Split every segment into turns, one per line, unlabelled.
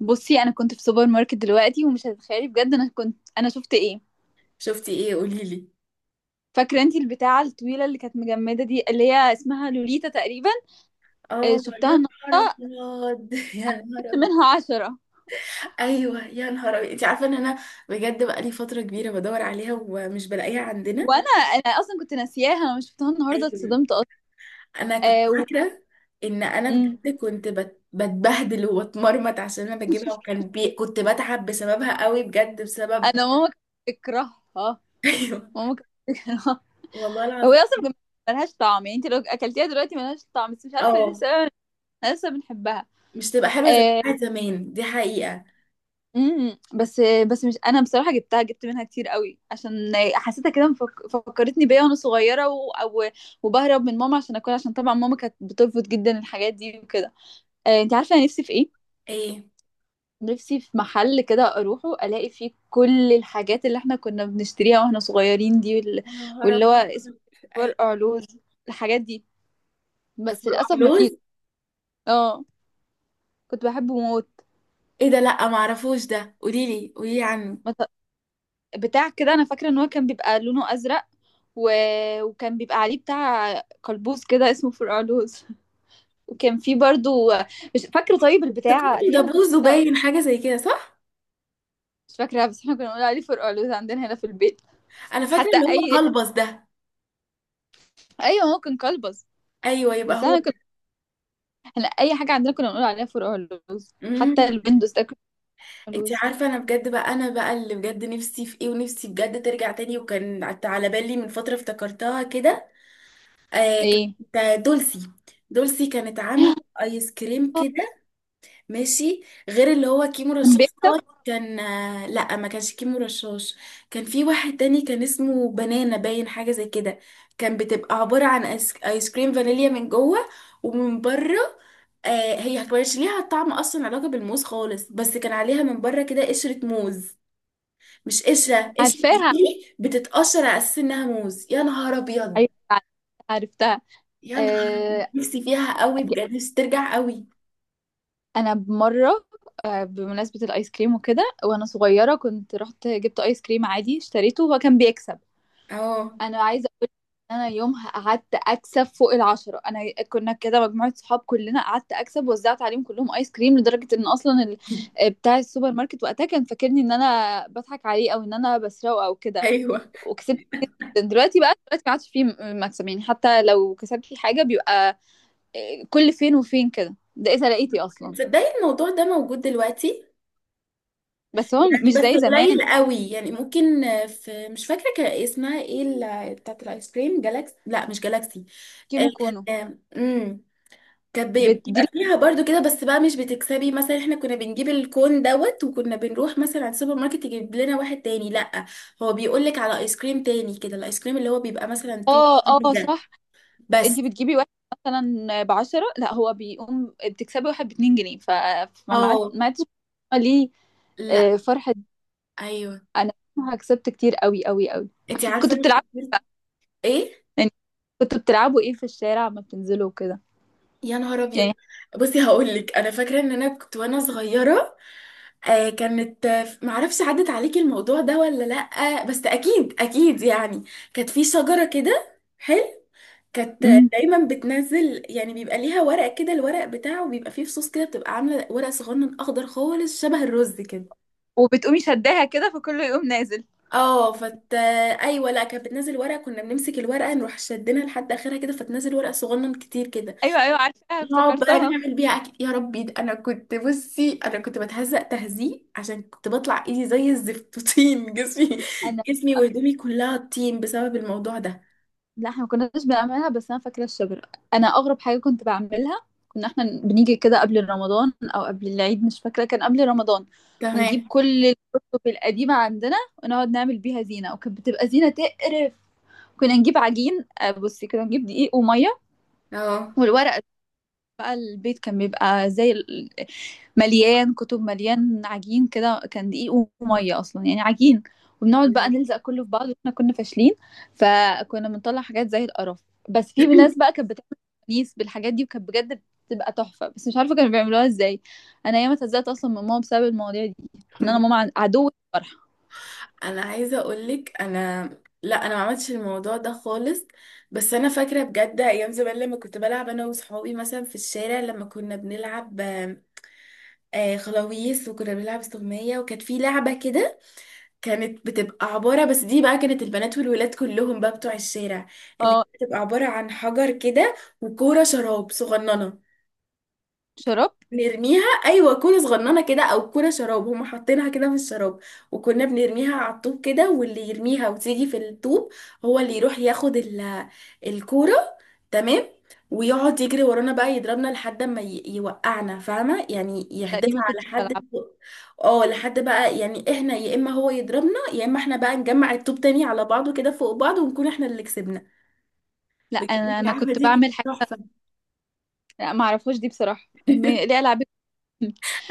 بصي، انا كنت في سوبر ماركت دلوقتي ومش هتتخيلي بجد، انا شفت ايه؟
شفتي ايه؟ قوليلي.
فاكره انتي البتاعه الطويله اللي كانت مجمده دي، اللي هي اسمها لوليتا تقريبا؟ آه،
اه،
شفتها
يا نهار
النهارده.
ابيض يا نهار
جبت
ابيض.
منها 10.
ايوه يا نهار ابيض، انت عارفه ان انا بقالي فتره كبيره بدور عليها ومش بلاقيها عندنا.
وانا اصلا كنت ناسياها، انا مش شفتها النهارده،
ايوه،
اتصدمت اصلا.
انا كنت
آه.
فاكره ان انا
مم.
بجد كنت بتبهدل وبتمرمط عشان انا بجيبها، كنت بتعب بسببها قوي، بجد بسبب.
انا ماما كانت بتكرهها.
ايوه،
ماما كانت بتكرهها.
والله
هو هي
العظيم.
اصلا بجد ملهاش طعم، يعني انت لو اكلتيها دلوقتي ملهاش طعم، بس مش عارفه ليه
اه،
السبب. انا لسه بنحبها.
مش تبقى حلوه زي
آه،
بتاعت زمان، دي حقيقه.
بس. بس مش انا بصراحه جبت منها كتير قوي عشان حسيتها كده، فكرتني بيا وانا صغيره وبهرب من ماما عشان اكل، عشان طبعا ماما كانت بترفض جدا الحاجات دي وكده. آه، انت عارفه انا نفسي في ايه؟
ايه
نفسي في محل كده اروحه الاقي فيه كل الحاجات اللي احنا كنا بنشتريها واحنا صغيرين دي،
يا نهار
واللي هو اسمه
ابيض. ايوه
فرقع لوز، الحاجات دي. بس للاسف ما فيش.
فرقعلوز.
اه، كنت بحبه موت.
ايه ده؟ لا ما اعرفوش ده، قوليلي قوليلي عنه.
بتاع كده، انا فاكره ان هو كان بيبقى لونه ازرق و... وكان بيبقى عليه بتاع قلبوز كده، اسمه فرقعلوز. وكان فيه برضو، مش فاكره. طيب البتاعه
افتكرته
دي
ده
انا كنت
بوز
شفتها،
وباين، حاجه زي كده صح؟
مش فاكراها، بس احنا كنا بنقول عليه فرقعلوز عندنا هنا في البيت.
انا فاكره
حتى
اللي هو
اي،
قلبص ده.
ايوه هو كان قلبز.
ايوه يبقى
بس
هو
انا
ده.
كنت، احنا اي حاجه عندنا كنا بنقول عليها فرقعلوز،
امم،
حتى الويندوز ده كان
انت
فرقعلوز.
عارفه انا بجد بقى، انا بقى اللي بجد نفسي في ايه، ونفسي بجد ترجع تاني، وكان على بالي من فتره افتكرتها كده. آه
ايه،
كانت دولسي، دولسي، كانت عامله ايس كريم كده ماشي، غير اللي هو كيمو
كان
رشاش
بيكتب
دوت. كان لا، ما كانش كيمو رشاش، كان في واحد تاني كان اسمه بنانا، باين حاجة زي كده. كان بتبقى عبارة عن آيس كريم فانيليا من جوه، ومن بره آه، هي كانش ليها طعم اصلا علاقة بالموز خالص، بس كان عليها من بره كده قشرة موز، مش قشرة قشرة
عارفاها.
دي، بتتقشر على اساس انها موز. يا نهار ابيض.
ايوه، عرفتها.
يا نهار أبيض،
آه.
نفسي فيها قوي، بجد نفسي ترجع قوي.
انا بمره، آه، بمناسبه الايس كريم وكده، وانا صغيره كنت رحت جبت ايس كريم عادي اشتريته، وهو كان بيكسب.
اه.
انا عايزه اقول ان انا يومها قعدت اكسب فوق 10، انا كنا كده مجموعه صحاب كلنا، قعدت اكسب وزعت عليهم كلهم ايس كريم، لدرجه ان اصلا آه، بتاع السوبر ماركت وقتها كان فاكرني ان انا بضحك عليه او ان انا بسرقه او كده.
ايوه،
وكسبت. دلوقتي بقى، دلوقتي ما عادش فيه مكسب، يعني حتى لو كسبت فيه حاجه بيبقى آه، كل فين وفين كده، ده اذا لقيتي اصلا.
تصدقي الموضوع ده موجود دلوقتي،
بس هو
يعني
مش
بس
زي زمان.
قليل قوي، يعني ممكن في، مش فاكره كان اسمها ايه بتاعت الايس كريم جالاكسي، لا مش جالاكسي.
كيمو كونو.
كان امم، كانت
دي.
بيبقى فيها برضو كده، بس بقى مش بتكسبي مثلا. احنا كنا بنجيب الكون دوت، وكنا بنروح مثلا على السوبر ماركت يجيب لنا واحد تاني، لا هو بيقول لك على ايس كريم تاني كده، الايس كريم اللي هو بيبقى مثلا تو
اه، اه،
ده
صح. انت
بس.
بتجيبي واحد مثلا بـ10، لا هو بيقوم بتكسبي واحد بـ2 جنيه، ف... فما ما عاد-
اه،
ما عادش. ليه.
لا.
آه، فرحة.
ايوه،
انا كسبت كتير قوي قوي قوي.
انت عارفه
كنت
انا
بتلعبوا،
افتكرت. ايه؟
يعني، كنت بتلعبوا ايه في الشارع ما بتنزلوا وكده؟
يا نهار ابيض،
يعني.
بصي هقول لك، انا فاكره ان انا كنت وانا صغيره آه كانت، معرفش عدت عليكي الموضوع ده ولا لأ، بس اكيد اكيد يعني. كانت في شجره كده حلو، كانت
امم.
دايما بتنزل، يعني بيبقى ليها ورق كده، الورق بتاعه بيبقى فيه فصوص كده، بتبقى عامله ورق صغنن اخضر خالص شبه الرز كده.
وبتقومي شداها كده، فكله يقوم نازل.
اه فت ايوه، لا كانت بتنزل ورقه، كنا بنمسك الورقه نروح شدنا لحد اخرها كده، فتنزل ورقه صغنن كتير كده.
ايوه، ايوه، عارفاها،
نقعد بقى
افتكرتها.
نعمل بيها اكل. يا ربي، ده انا كنت، بصي انا كنت بتهزق تهزيق، عشان كنت بطلع ايدي زي الزفت طين، جسمي،
انا،
جسمي وهدومي كلها طين بسبب الموضوع ده.
لا، احنا ما كناش بنعملها، بس انا فاكره الشجره. انا اغرب حاجه كنت بعملها، كنا احنا بنيجي كده قبل رمضان او قبل العيد، مش فاكره، كان قبل رمضان. ونجيب
تمام.
كل الكتب القديمه عندنا، ونقعد نعمل بيها زينه، وكانت بتبقى زينه تقرف. كنا نجيب عجين، آه، بصي، كنا نجيب دقيق وميه
اه
والورق. بقى البيت كان بيبقى زي مليان كتب، مليان عجين، كده كان دقيق وميه اصلا يعني عجين. وبنقعد بقى
أنا-
نلزق كله في بعض واحنا كنا فاشلين، فكنا بنطلع حاجات زي القرف. بس في ناس بقى كانت بتعمل كنيس بالحاجات دي، وكانت بجد بتبقى تحفه، بس مش عارفه كانوا بيعملوها ازاي. انا ياما اتهزقت اصلا من ماما بسبب المواضيع دي، ان انا ماما عدو الفرحه.
انا عايزه اقولك انا، لا انا ما عملتش الموضوع ده خالص، بس انا فاكره بجد ايام زمان لما كنت بلعب انا وصحابي مثلا في الشارع، لما كنا بنلعب خلاويص، وكنا بنلعب استغمية، وكانت في لعبه كده، كانت بتبقى عبارة، بس دي بقى كانت البنات والولاد كلهم بقى بتوع الشارع، اللي
اه،
بتبقى عبارة عن حجر كده، وكورة شراب صغننة،
شراب.
نرميها، ايوه كورة صغننة كده او كورة شراب هم حاطينها كده في الشراب، وكنا بنرميها على الطوب كده، واللي يرميها وتيجي في الطوب هو اللي يروح ياخد الكورة، تمام، ويقعد يجري ورانا بقى يضربنا لحد ما يوقعنا، فاهمه؟ يعني يحدفها
تقريبا
على
كنت
حد.
بلعب.
اه، لحد بقى، يعني احنا يا اما هو يضربنا، يا اما احنا بقى نجمع الطوب تاني على بعضه كده فوق بعض، ونكون احنا اللي كسبنا.
لا،
بجد
انا
اللعبه
كنت
دي كانت
بعمل حاجه.
تحفه.
لا، ما اعرفوش دي بصراحه، ان ليه العاب.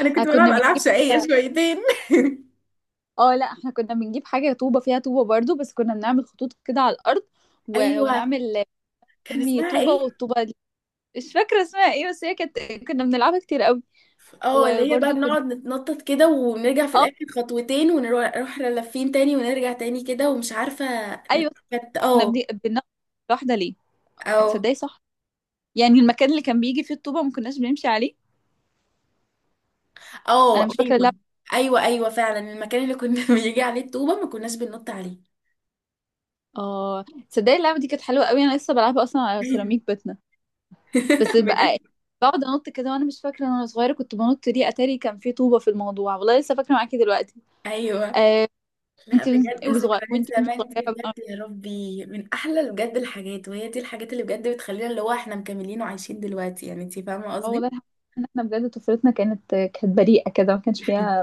انا كنت بلعب
كنا
العاب
بنجيب
شقيه
كده،
شويتين.
اه، لا، احنا كنا بنجيب حاجة طوبة فيها طوبة برضو، بس كنا بنعمل خطوط كده على الأرض
ايوه،
ونعمل
كان
نرمي
اسمها
طوبة،
ايه؟
والطوبة دي مش فاكرة اسمها ايه، بس هي كانت كنا بنلعبها كتير قوي.
اه، اللي هي بقى
وبرضو كنا،
بنقعد نتنطط كده، ونرجع في
اه،
الاخر خطوتين، ونروح لافين تاني، ونرجع تاني كده، ومش عارفه.
ايوه،
كانت
كنا
اه.
بناخد واحدة ليه.
اه،
تصدقي، صح، يعني المكان اللي كان بيجي فيه الطوبة ما كناش بنمشي عليه. انا
اه.
مش فاكرة
ايوه،
اللعبة.
ايوه، ايوه، فعلا المكان اللي كنا بيجي عليه الطوبه ما كناش بننط عليه.
اه، تصدقي اللعبة دي كانت حلوة قوي، انا لسه بلعبها اصلا على
ايوه.
سيراميك بيتنا. بس بقى
بجد.
بقعد انط كده، وانا مش فاكره ان انا صغيره كنت بنط ليه، اتاري كان فيه طوبه في الموضوع، والله لسه فاكره معاكي دلوقتي.
ايوه،
آه،
لا
انت
بجد
وصغيره،
ذكريات
وانت كنت
زمان دي
صغيره
بجد،
بقى،
يا ربي، من احلى بجد الحاجات، وهي دي الحاجات اللي بجد بتخلينا اللي هو احنا مكملين وعايشين دلوقتي، يعني انتي فاهمه
اه والله،
قصدي.
الحمد لله ان احنا بجد طفولتنا كانت بريئه كده، ما كانش فيها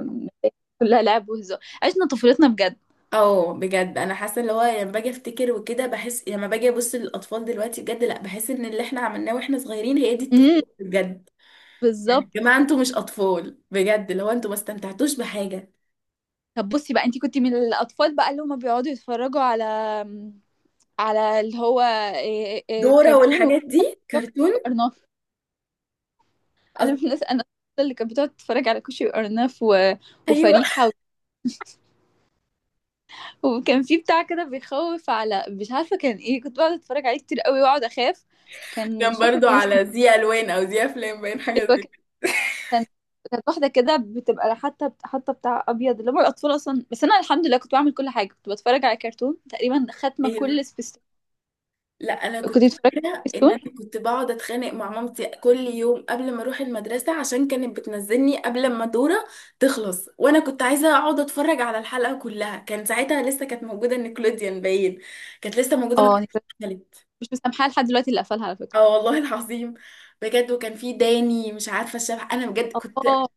كلها لعب وهزار، عشنا طفولتنا بجد.
اه، بجد انا حاسه اللي هو لما باجي افتكر وكده، بحس لما باجي ابص للاطفال دلوقتي بجد، لا بحس ان اللي احنا عملناه واحنا صغيرين هي دي
امم،
الطفوله بجد. يعني يا
بالظبط.
جماعه، انتوا مش اطفال بجد، اللي هو انتوا ما استمتعتوش بحاجه.
طب بصي بقى، انت كنت من الاطفال بقى اللي هم بيقعدوا يتفرجوا على، على اللي هو إيه
دورة
كرتون
والحاجات دي كرتون.
وارناف. انا من
أصل،
الناس، انا اللي كانت بتقعد تتفرج على كوشي وارناف
ايوه.
وفريحه، وكان في بتاع كده بيخوف، على مش عارفه كان ايه، كنت بقعد اتفرج عليه كتير قوي واقعد اخاف. كان
كان
مش فاكره
برضو
كان اسمه
على زي الوان او زي افلام، باين
إيه،
حاجه زي كده.
كان كانت واحدة كده بتبقى، حتى بتاع أبيض اللي هم الأطفال أصلا. بس أنا الحمد لله كنت بعمل كل حاجة، كنت بتفرج على كرتون تقريبا خاتمة
ايوه،
كل سبيستون.
لا انا
كنت
كنت
بتفرج على
فاكره ان انا
سبيستون.
كنت بقعد اتخانق مع مامتي كل يوم قبل ما اروح المدرسه، عشان كانت بتنزلني قبل ما دوره تخلص، وانا كنت عايزه اقعد اتفرج على الحلقه كلها. كان ساعتها لسه كانت موجوده نيكلوديان، باين كانت لسه موجوده ما
اه، أنا
كانتش
كنت
اتقفلت.
مش مسامحاها لحد دلوقتي اللي قفلها على فكرة.
اه، والله العظيم. بجد، وكان في داني، مش عارفه الشبح، انا بجد كنت
اه،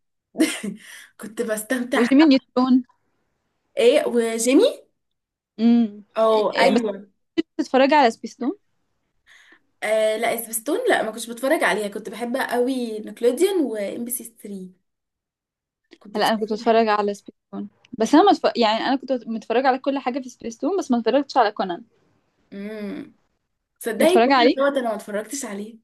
كنت بستمتع.
وجيمي نيوترون.
ايه وجيمي.
امم،
اه
إيه، بس
ايوه.
كنت بتتفرج على سبيستون؟
آه لا سبيستون، لا ما كنتش بتفرج عليها، كنت بحب قوي نيكلوديان وام بي سي 3، كنت
لا، أنا كنت
بصراحه بحب.
بتفرج على سبيستون، بس أنا يعني أنا كنت متفرجة على كل حاجة في سبيستون، بس ما اتفرجتش على كونان.
امم، تصدقي
متفرجة
كل دوت
عليه،
انا ما اتفرجتش عليه.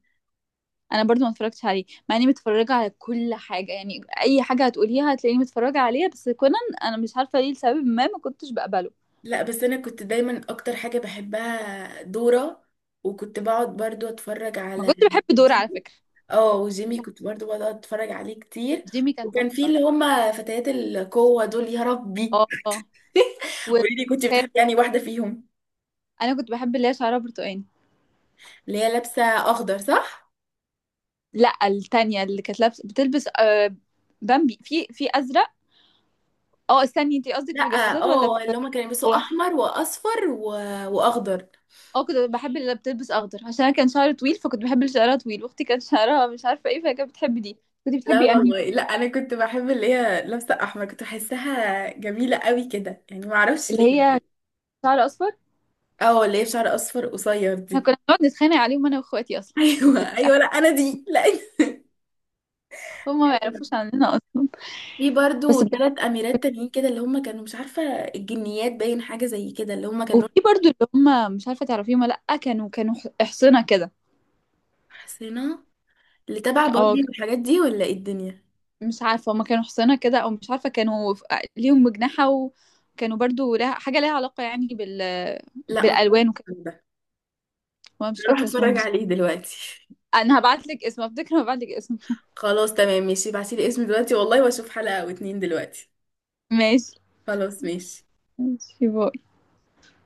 انا برضو ما اتفرجتش عليه، مع اني متفرجه على كل حاجه، يعني اي حاجه هتقوليها هتلاقيني متفرجه عليها، بس كونان انا مش عارفه ليه، لسبب ما ما كنتش بقبله.
لا، بس انا كنت دايما اكتر حاجه بحبها دورة، وكنت بقعد برضو اتفرج
ما
على
كنتش بحب دور على
جيمي.
فكره.
اه،
مش
وجيمي
عارفه،
كنت برضو بقعد اتفرج عليه كتير.
جيمي كان
وكان في
تحفه.
اللي هما فتيات القوة دول، يا ربي.
اه، آه. و
قولي لي كنت بتحبي يعني واحدة فيهم.
انا كنت بحب اللي هي شعرها برتقاني.
اللي هي لابسة اخضر صح؟
لا، التانية اللي كانت بتلبس، بامبي، في ازرق. اه، استني، انتي قصدك
لا،
في الجاسوسات ولا
اه
في؟
اللي هما كانوا يلبسوا
هو،
احمر واصفر واخضر.
اه، كنت بحب اللي بتلبس اخضر عشان انا كان شعري طويل، فكنت بحب اللي شعرها طويل، واختي كان شعرها مش عارفه ايه، فكانت بتحب دي. كنت
لا
بتحبي انهي،
والله، لا انا كنت بحب اللي هي لابسه احمر، كنت بحسها جميله قوي كده، يعني ما اعرفش
اللي
ليه.
هي شعر اصفر؟
اه، اللي هي بشعر اصفر قصير
احنا
دي.
كنا بنقعد نتخانق عليهم انا واخواتي اصلا، كانت
ايوه ايوه، لا انا دي لا.
هم ما
أيوة.
يعرفوش عننا اصلا.
في برضو
بس بجد،
ثلاث اميرات تانيين كده، اللي هم كانوا مش عارفه الجنيات، باين حاجه زي كده، اللي هم كانوا
وفي برضو اللي هم مش عارفه تعرفيهم ولا لا، كانوا حصنه كده.
حسنا، اللي تبع
اه،
باربي والحاجات دي، ولا ايه الدنيا؟
مش عارفه هم كانوا حصنه كده، او مش عارفه كانوا ليهم مجنحه، وكانوا برضو لها حاجه ليها علاقه يعني بال،
لا، ما
بالالوان
اتفرجتش
وكده.
على ده،
وانا مش
هروح
فاكره اسمهم،
اتفرج
بس
عليه دلوقتي.
انا هبعت لك اسم، افتكر، هبعت لك اسمه.
خلاص تمام ماشي، ابعتيلي اسم دلوقتي والله، واشوف حلقة او اتنين دلوقتي.
ماشي.
خلاص ماشي.
ماشي، باي.